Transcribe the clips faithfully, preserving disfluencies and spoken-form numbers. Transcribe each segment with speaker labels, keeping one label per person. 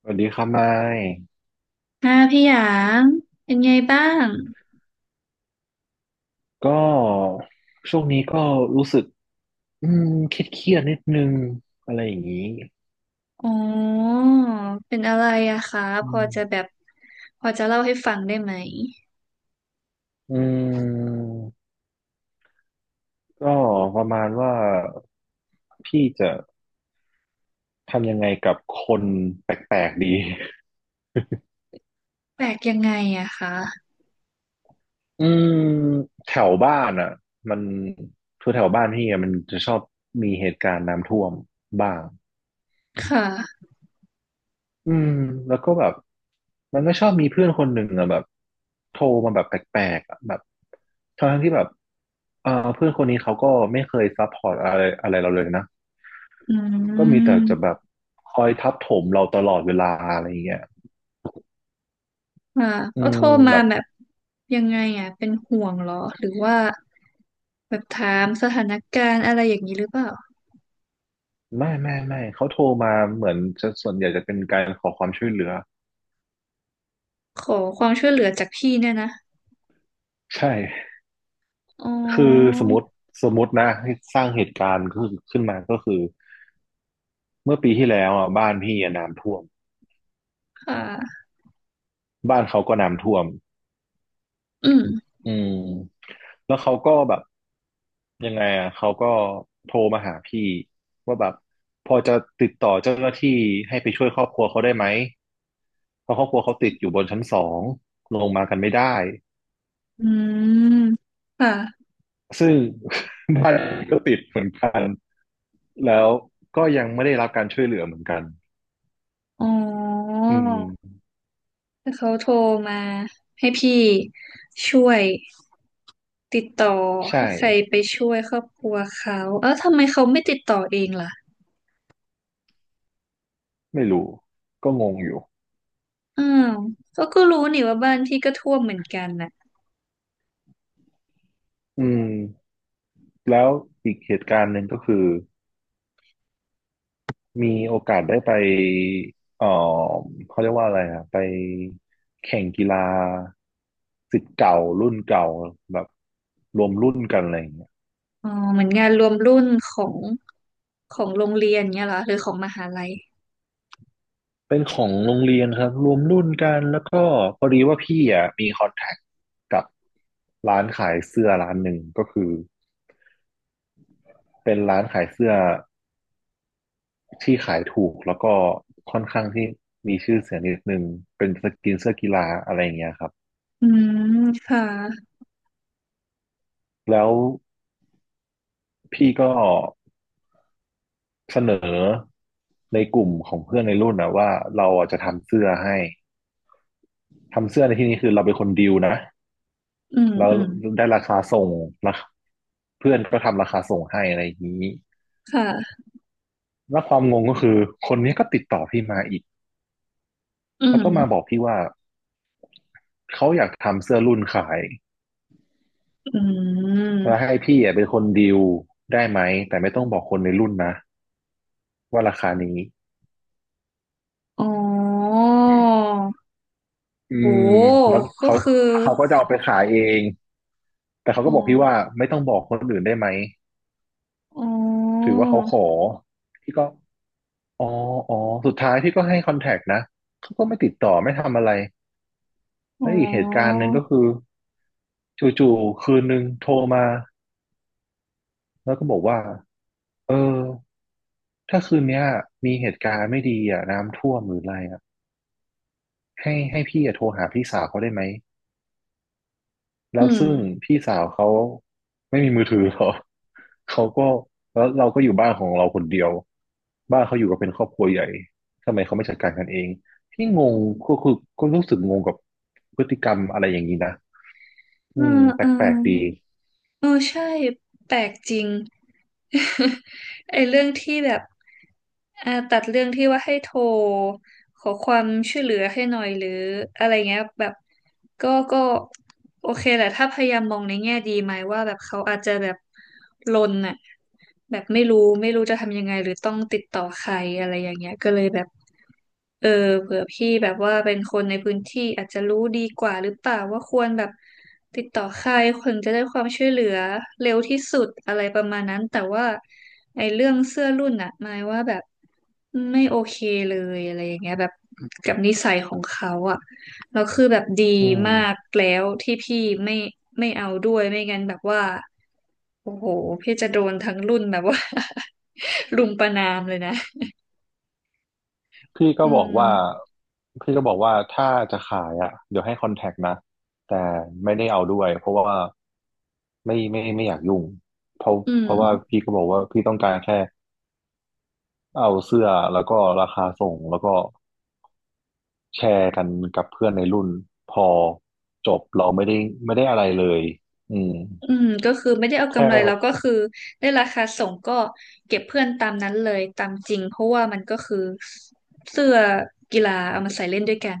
Speaker 1: สวัสดีครับไมค์
Speaker 2: ค่ะพี่หยางเป็นไงบ้าง
Speaker 1: ก็ช่วงนี้ก็รู้สึกอืมเครียดเครียดนิดนึงอะไรอย่างนี้
Speaker 2: อ๋อเป็นอะไรอะคะ
Speaker 1: อื
Speaker 2: พอจะแบ
Speaker 1: ม
Speaker 2: บพอจะเล่าให้ฟังได้ไหม
Speaker 1: อืมก็ประมาณว่าพี่จะทำยังไงกับคนแปลกๆดี
Speaker 2: แปลกยังไงอะคะ
Speaker 1: อืมแถวบ้านอ่ะมันคือแถวบ้านพี่อะมันจะชอบมีเหตุการณ์น้ำท่วมบ้าง
Speaker 2: ค่ะ
Speaker 1: อืมแล้วก็แบบมันก็ชอบมีเพื่อนคนหนึ่งอะแบบโทรมาแบบแปลกๆอะแบบทั้งที่แบบเออเพื่อนคนนี้เขาก็ไม่เคยซัพพอร์ตอะไรอะไรเราเลยนะ
Speaker 2: อื
Speaker 1: ก็มีแต่จะแบ
Speaker 2: ม
Speaker 1: บคอยทับถมเราตลอดเวลาอะไรอย่างเงี้ย
Speaker 2: ค่ะ
Speaker 1: อื
Speaker 2: เขา
Speaker 1: ม
Speaker 2: โทรมา
Speaker 1: แบบ
Speaker 2: แบบยังไงอะเป็นห่วงเหรอหรือว่าแบบถามสถานการณ์อะไรอย่างนี้หรือเปล่า
Speaker 1: ไม่ไม่ไม่เขาโทรมาเหมือนจะส่วนใหญ่จะเป็นการขอความช่วยเหลือ
Speaker 2: ขอความช่วยเหลือจากพี่เนี่ยนะ
Speaker 1: ใช่
Speaker 2: อ๋
Speaker 1: คือ
Speaker 2: อ
Speaker 1: สมมติสมมตินะให้สร้างเหตุการณ์ขึ้นขึ้นมาก็คือเมื่อปีที่แล้วอ่ะบ้านพี่อะน้ำท่วม
Speaker 2: ค่ะ
Speaker 1: บ้านเขาก็น้ำท่วม
Speaker 2: อืม
Speaker 1: อืมแล้วเขาก็แบบยังไงอ่ะเขาก็โทรมาหาพี่ว่าแบบพอจะติดต่อเจ้าหน้าที่ให้ไปช่วยครอบครัวเขาได้ไหมเพราะครอบครัวเขาติดอยู่บนชั้นสองลงมากันไม่ได้
Speaker 2: อืมค่ะ
Speaker 1: ซึ่ง บ้านก็ติดเหมือนกันแล้วก็ยังไม่ได้รับการช่วยเหลือเหมือนกัน
Speaker 2: อ๋อ
Speaker 1: อืม
Speaker 2: เขาโทรมาให้พี่ช่วยติดต่อ
Speaker 1: ใช่
Speaker 2: ให้ใครไปช่วยครอบครัวเขาเอ้าทำไมเขาไม่ติดต่อเองล่ะ
Speaker 1: ไม่รู้ก็งงอยู่
Speaker 2: อ้าวเขาก็รู้นี่ว่าบ้านพี่ก็ท่วมเหมือนกันน่ะ
Speaker 1: อืมแล้วอีกเหตุการณ์หนึ่งก็คือ มีโอกาสได้ไปเอ่อเขาเรียกว่าอะไรอะไปแข่งกีฬาศิษย์เก่ารุ่นเก่าแบบรวมรุ่นกันอะไรอย่างเงี้ย
Speaker 2: อ๋อเหมือนงานรวมรุ่นของของโรงเรียนเงี้ยเหรอหรือของมหาลัย
Speaker 1: เป็นของโรงเรียนครับรวมรุ่นกันแล้วก็พอดีว่าพี่อ่ะมีคอนแทคกับร้านขายเสื้อร้านหนึ่งก็คือเป็นร้านขายเสื้อที่ขายถูกแล้วก็ค่อนข้างที่มีชื่อเสียงนิดนึงเป็นสกินเสื้อกีฬาอะไรอย่างเงี้ยครับ
Speaker 2: อืมค่ะ
Speaker 1: แล้วพี่ก็ เสนอในกลุ่มของเพื่อนในรุ่นนะว่าเราอ่ะจะทำเสื้อให้ทำเสื้อในที่นี้คือเราเป็นคนดีลนะ
Speaker 2: อืม
Speaker 1: แล้ว
Speaker 2: อืม
Speaker 1: ได้ราคาส่งนะเพื่อนก็ทำราคาส่งให้อะไรอย่างนี้
Speaker 2: ค่ะ
Speaker 1: แล้วความงงก็คือคนนี้ก็ติดต่อพี่มาอีก
Speaker 2: อื
Speaker 1: แล้วก็มาบอ
Speaker 2: ม
Speaker 1: กพี่ว่าเขาอยากทำเสื้อรุ่นขาย
Speaker 2: อืม
Speaker 1: แล้วให้พี่อ่ะเป็นคนดีลได้ไหมแต่ไม่ต้องบอกคนในรุ่นนะว่าราคานี้
Speaker 2: อ๋อ
Speaker 1: อื
Speaker 2: โห
Speaker 1: มแล้ว
Speaker 2: ก็
Speaker 1: เขา
Speaker 2: คือ
Speaker 1: เขาก็จะเอาไปขายเองแต่เขา
Speaker 2: อ๋
Speaker 1: ก็บอกพี่ว่า
Speaker 2: อ
Speaker 1: ไม่ต้องบอกคนอื่นได้ไหม
Speaker 2: อ๋อ
Speaker 1: ถือว่าเขาขอพี่ก็อ๋ออ๋อสุดท้ายพี่ก็ให้คอนแทคนะเขาก็ไม่ติดต่อไม่ทำอะไร
Speaker 2: อ๋
Speaker 1: แล้วอีกเหตุกา
Speaker 2: อ
Speaker 1: รณ์หนึ่งก็คือจู่ๆคืนหนึ่งโทรมาแล้วก็บอกว่าเออถ้าคืนเนี้ยมีเหตุการณ์ไม่ดีอ่ะน้ำท่วมหรืออะไรอ่ะให้ให้พี่อ่ะโทรหาพี่สาวเขาได้ไหม แล้
Speaker 2: อื
Speaker 1: ว
Speaker 2: ม
Speaker 1: ซึ่งพี่สาวเขาไม่มีมือถือหรอก เขาก็แล้วเราก็อยู่บ้านของเราคนเดียวบ้านเขาอยู่กันเป็นครอบครัวใหญ่ทำไมเขาไม่จัดการกันเองพี่งงก็คือก็รู้สึกงงกับพฤติกรรมอะไรอย่างนี้นะ
Speaker 2: เอ
Speaker 1: อื
Speaker 2: อ
Speaker 1: มแป
Speaker 2: เอ
Speaker 1: ลกๆดี
Speaker 2: อเออใช่ แปลกจริง ไอ้เรื่องที่แบบอ่าตัดเรื่องที่ว่าให้โทรขอความช่วยเหลือให้หน่อยหรืออะไรเงี้ยแบบก็ก็โอเคแหละ ถ้าพยายามมองในแง่ดีไหมว่าแบบเขาอาจจะแบบลนอะแบบไม่รู้ไม่รู้จะทำยังไงหรือต้องติดต่อใครอะไรอย่างเงี้ยก็เลยแบบ เออเผื่อพี่แบบว่าเป็นคนในพื้นที่อาจจะรู้ดีกว่าหรือเปล่าว่าควรแบบติดต่อใครถึงจะได้ความช่วยเหลือเร็วที่สุดอะไรประมาณนั้นแต่ว่าไอ้เรื่องเสื้อรุ่นอะหมายว่าแบบไม่โอเคเลยอะไรอย่างเงี้ยแบบกับนิสัยของเขาอะแล้วคือแบบดี
Speaker 1: อื
Speaker 2: มาก
Speaker 1: ม
Speaker 2: แล้วที่พี่ไม่ไม่เอาด้วยไม่งั้นแบบว่าโอ้โหพี่จะโดนทั้งรุ่นแบบว่า รุมประณามเลยนะ
Speaker 1: พี่ก็
Speaker 2: อื
Speaker 1: บอก
Speaker 2: ม
Speaker 1: ว่าพี่ก็บอกว่าถ้าจะขายอ่ะเดี๋ยวให้คอนแทคนะแต่ไม่ได้เอาด้วยเพราะว่าไม่ไม่ไม่อยากยุ่งเพราะ
Speaker 2: อื
Speaker 1: เพราะว่า
Speaker 2: ม
Speaker 1: พี่ก็บอกว่าพี่ต้องการแค่ เอาเสื้อแล้วก็ราคาส่งแล้วก็แชร์กันกับเพื่อนในรุ่นพอจบเราไม่ได้ไม่ได้อะไรเลยอืม
Speaker 2: อืมก็คือไม่ได้เอา
Speaker 1: แค
Speaker 2: กำไรเราก็
Speaker 1: ่
Speaker 2: คือได้ราคาส่งก็เก็บเพื่อนตามนั้นเลยตามจริงเพราะว่ามันก็คือเสื้อกีฬาเอามาใส่เล่นด้วยกัน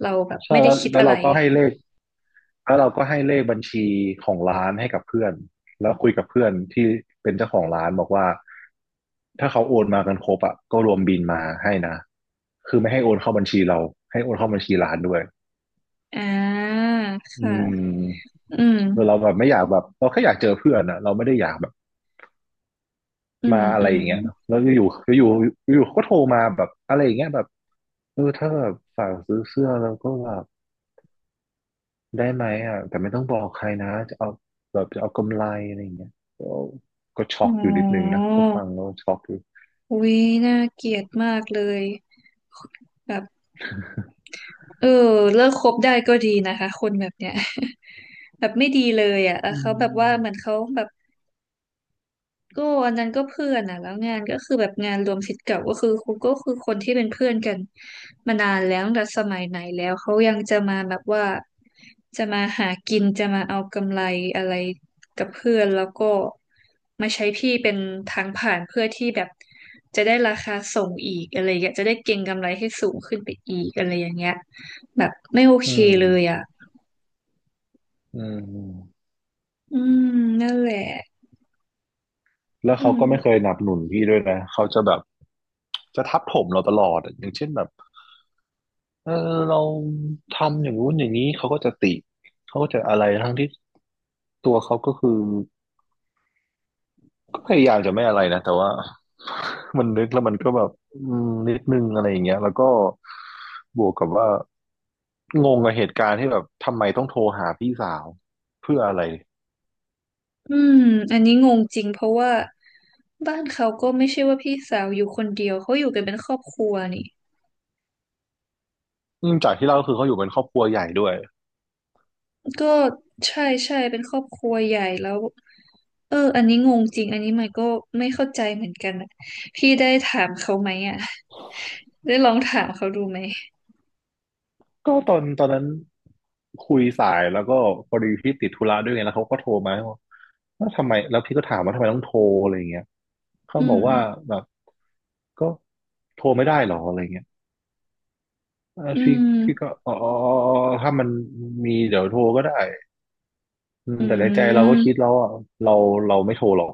Speaker 2: เราแบบ
Speaker 1: ใช่
Speaker 2: ไม่ได้
Speaker 1: แล้ว
Speaker 2: คิด
Speaker 1: แล้ว
Speaker 2: อะไร
Speaker 1: เราก็ให้เลขแล้วเราก็ให้เลขบัญชีของร้านให้กับเพื่อนแล้วคุยกับเพื่อนที่เป็นเจ้าของร้านบอกว่าถ้าเขาโอนมากันครบอ่ะก็รวมบินมาให้นะคือไม่ให้โอนเข้าบัญชีเราให้โอนเข้าบัญชีร้านด้วย
Speaker 2: อ่า
Speaker 1: อื
Speaker 2: ค่ะ
Speaker 1: ม
Speaker 2: อืม
Speaker 1: เราแบบไม่อยากแบบเราแค่อยากเจอเพื่อนอะเราไม่ได้อยากแบบ
Speaker 2: อืม
Speaker 1: มาอะ
Speaker 2: อื
Speaker 1: ไรอ
Speaker 2: ม
Speaker 1: ย่างเงี้ยแล้วก็อยู่ก็อยู่อยู่เขาก็โทรมาแบบอะไรอย่างเงี้ยแบบเออถ้าแบบฝากซื้อเสื้อแล้วก็แบบได้ไหมอ่ะแต่ไม่ต้องบอกใครนะจะเอาแบบจะเอากำไรอะไรอย่างเงี้ยก็ก็ช็
Speaker 2: อ๋
Speaker 1: อกอยู่นิดนึง
Speaker 2: อ
Speaker 1: นะก็ฟังแล้วช็อกอยู่
Speaker 2: อุ๊ยน่าเกลียดมากเลยแบบเออเลิกคบได้ก็ดีนะคะคนแบบเนี้ย แบบไม่ดีเลยอ่ะแล้ว
Speaker 1: อื
Speaker 2: เขาแบบว่าเหมือน
Speaker 1: ม
Speaker 2: เขาแบบ ก็อันนั้นก็เพื่อนอ่ะแล้วงานก็คือแบบงานรวมศิษย์เก่าก็คือครูก็คือคนที่เป็นเพื่อนกันมานานแล้วตั้งแต่สมัยไหนแล้วเขายังจะมาแบบว่าจะมาหากินจะมาเอากำไรอะไรกับเพื่อนแล้วก็มาใช้พี่เป็นทางผ่านเพื่อที่แบบจะได้ราคาส่งอีกอะไรอย่างเงี้ยจะได้เก็งกำไรให้สูงขึ้นไปอีกอะไรอย่างเงี้ยแบบไม่โอ
Speaker 1: อื
Speaker 2: เค
Speaker 1: ม
Speaker 2: เลยอ่ะ
Speaker 1: อืม
Speaker 2: อืมนั่นแหละ
Speaker 1: แล้ว
Speaker 2: อื
Speaker 1: เขา
Speaker 2: ม
Speaker 1: ก็ไม่เคยหนับหนุนพี่ด้วยนะเขาจะแบบจะทับถมเราตลอดอะอย่างเช่นแบบเออเราทำอย่างนู้นอย่างนี้เขาก็จะติเขาก็จะอะไรทั้งที่ตัวเขาก็คือ ก็พยายามจะไม่อะไรนะแต่ว่า มันนึกแล้วมันก็แบบอืมนิดนึงอะไรอย่างเงี้ยแล้วก็บวกกับว่างงกับเหตุการณ์ที่แบบทำไมต้องโทรหาพี่สาวเพื่ออะไร
Speaker 2: อืมอันนี้งงจริงเพราะว่าบ้านเขาก็ไม่ใช่ว่าพี่สาวอยู่คนเดียวเขาอยู่กันเป็นครอบครัวนี่
Speaker 1: อืมจากที่เล่าก็คือเขาอยู่เป็นครอบครัวใหญ่ด้วย
Speaker 2: ก็ใช่ใช่เป็นครอบครัวใหญ่แล้วเอออันนี้งงจริงอันนี้มันก็ไม่เข้าใจเหมือนกันอะพี่ได้ถามเขาไหมอ่ะได้ลองถามเขาดูไหม
Speaker 1: ก็ตอนตอนนั้นคุยสายแล้วก็พอดีพี่ติดธุระด้วยไงแล้วเขาก็โทรมาว่าแล้วทำไมแล้วพี่ก็ถามว่าทำไมต้องโทรอะไรอย่างเงี้ยเขา
Speaker 2: อื
Speaker 1: บ
Speaker 2: ม
Speaker 1: อกว่าแบบก็โทรไม่ได้หรออะไรเงี้ย เออ
Speaker 2: อื
Speaker 1: พี่พี่ก็
Speaker 2: ม
Speaker 1: อ๋อถ้ามันมีเดี๋ยวโทรก็ได้อืม
Speaker 2: อื
Speaker 1: แต่ในใจเราก็
Speaker 2: ม
Speaker 1: คิดแล้วอ่ะเราเราไม่โทรหรอก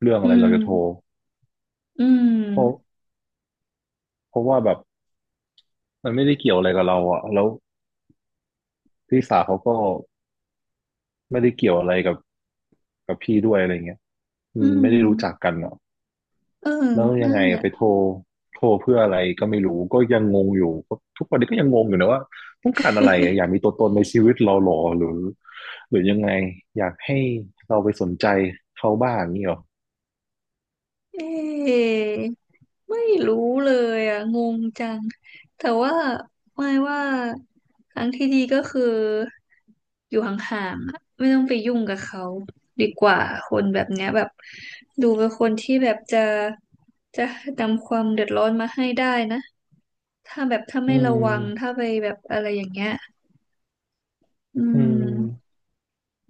Speaker 1: เรื่อง
Speaker 2: อื
Speaker 1: อะไรเรา
Speaker 2: ม
Speaker 1: จะโทร
Speaker 2: อื
Speaker 1: เพราะ
Speaker 2: ม
Speaker 1: เพราะว่าแบบมันไม่ได้เกี่ยวอะไรกับเราอ่ะแล้วพี่สาวเขาก็ไม่ได้เกี่ยวอะไรกับกับพี่ด้วยอะไรเงี้ยอื
Speaker 2: อื
Speaker 1: มไม่ได้รู้จัก
Speaker 2: ม
Speaker 1: กันอ่ะ
Speaker 2: เออ
Speaker 1: แล้วยัง
Speaker 2: นั่
Speaker 1: ไง
Speaker 2: นแหละ
Speaker 1: ไปโทรโทรเพื่ออะไรก็ไม่รู้ก็ยังงงอยู่ทุกวันนี้ก็ยังงงอยู่นะว่าต้องการอะไรอะ อยากมีตัวตนในชีวิตเราหรอหรือหรือยังไงอยากให้เราไปสนใจเขาบ้างนี่หรอ
Speaker 2: เอะไม่รู้เลยอ่ะงงจังแต่ว่าไม่ว่าทางที่ดีก็คืออยู่ห่างๆอะไม่ต้องไปยุ่งกับเขาดีกว่าคนแบบเนี้ยแบบดูเป็นคนที่แบบจะจะนำความเดือดร้อนมาให้ได้นะถ้าแบบถ้า
Speaker 1: อื
Speaker 2: ไม่ระวังถ้า
Speaker 1: ม
Speaker 2: ไปแบบอะไรอย่างเงี้ยอื
Speaker 1: อื
Speaker 2: ม
Speaker 1: ม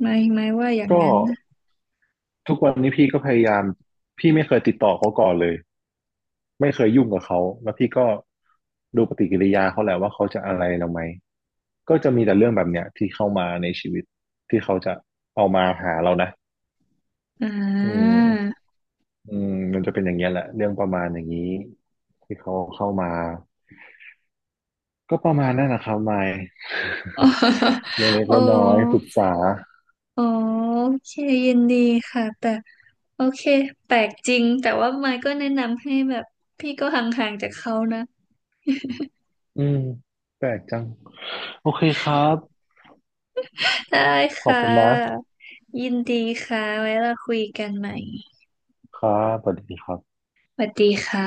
Speaker 2: ไม่ไม่ว่าอย่าง
Speaker 1: ก็
Speaker 2: นั้นนะ
Speaker 1: ทุกวันนี้พี่ก็พยายามพี่ไม่เคยติดต่อเขาก่อนเลยไม่เคยยุ่งกับเขาแล้วพี่ก็ดูปฏิกิริยาเขาแหละว่าเขาจะอะไรเราไหมก็จะมีแต่เรื่องแบบเนี้ยที่เข้ามาในชีวิตที่เขาจะเอามาหาเรานะ
Speaker 2: อ่
Speaker 1: อืม
Speaker 2: า
Speaker 1: อืมมันจะเป็นอย่างเงี้ยแหละเรื่องประมาณอย่างนี้ที่เขาเข้ามาก็ประมาณนั้นนะครับมายเล็ ก
Speaker 2: โอ้
Speaker 1: ๆน้อยๆปรึกษา
Speaker 2: อ๋อโอเคยินดีค่ะแต่โอเคแปลกจริงแต่ว่าไมค์ก็แนะนำให้แบบพี่ก็ห่างๆจากเขานะ
Speaker 1: อืมแปลกจังโอเคครับ
Speaker 2: ได้
Speaker 1: ขอบ
Speaker 2: ค่
Speaker 1: คุณมาก
Speaker 2: ะยินดีค่ะไว้เราคุยกันใหม่
Speaker 1: ครับสวัสดีครับ
Speaker 2: สวัสดีค่ะ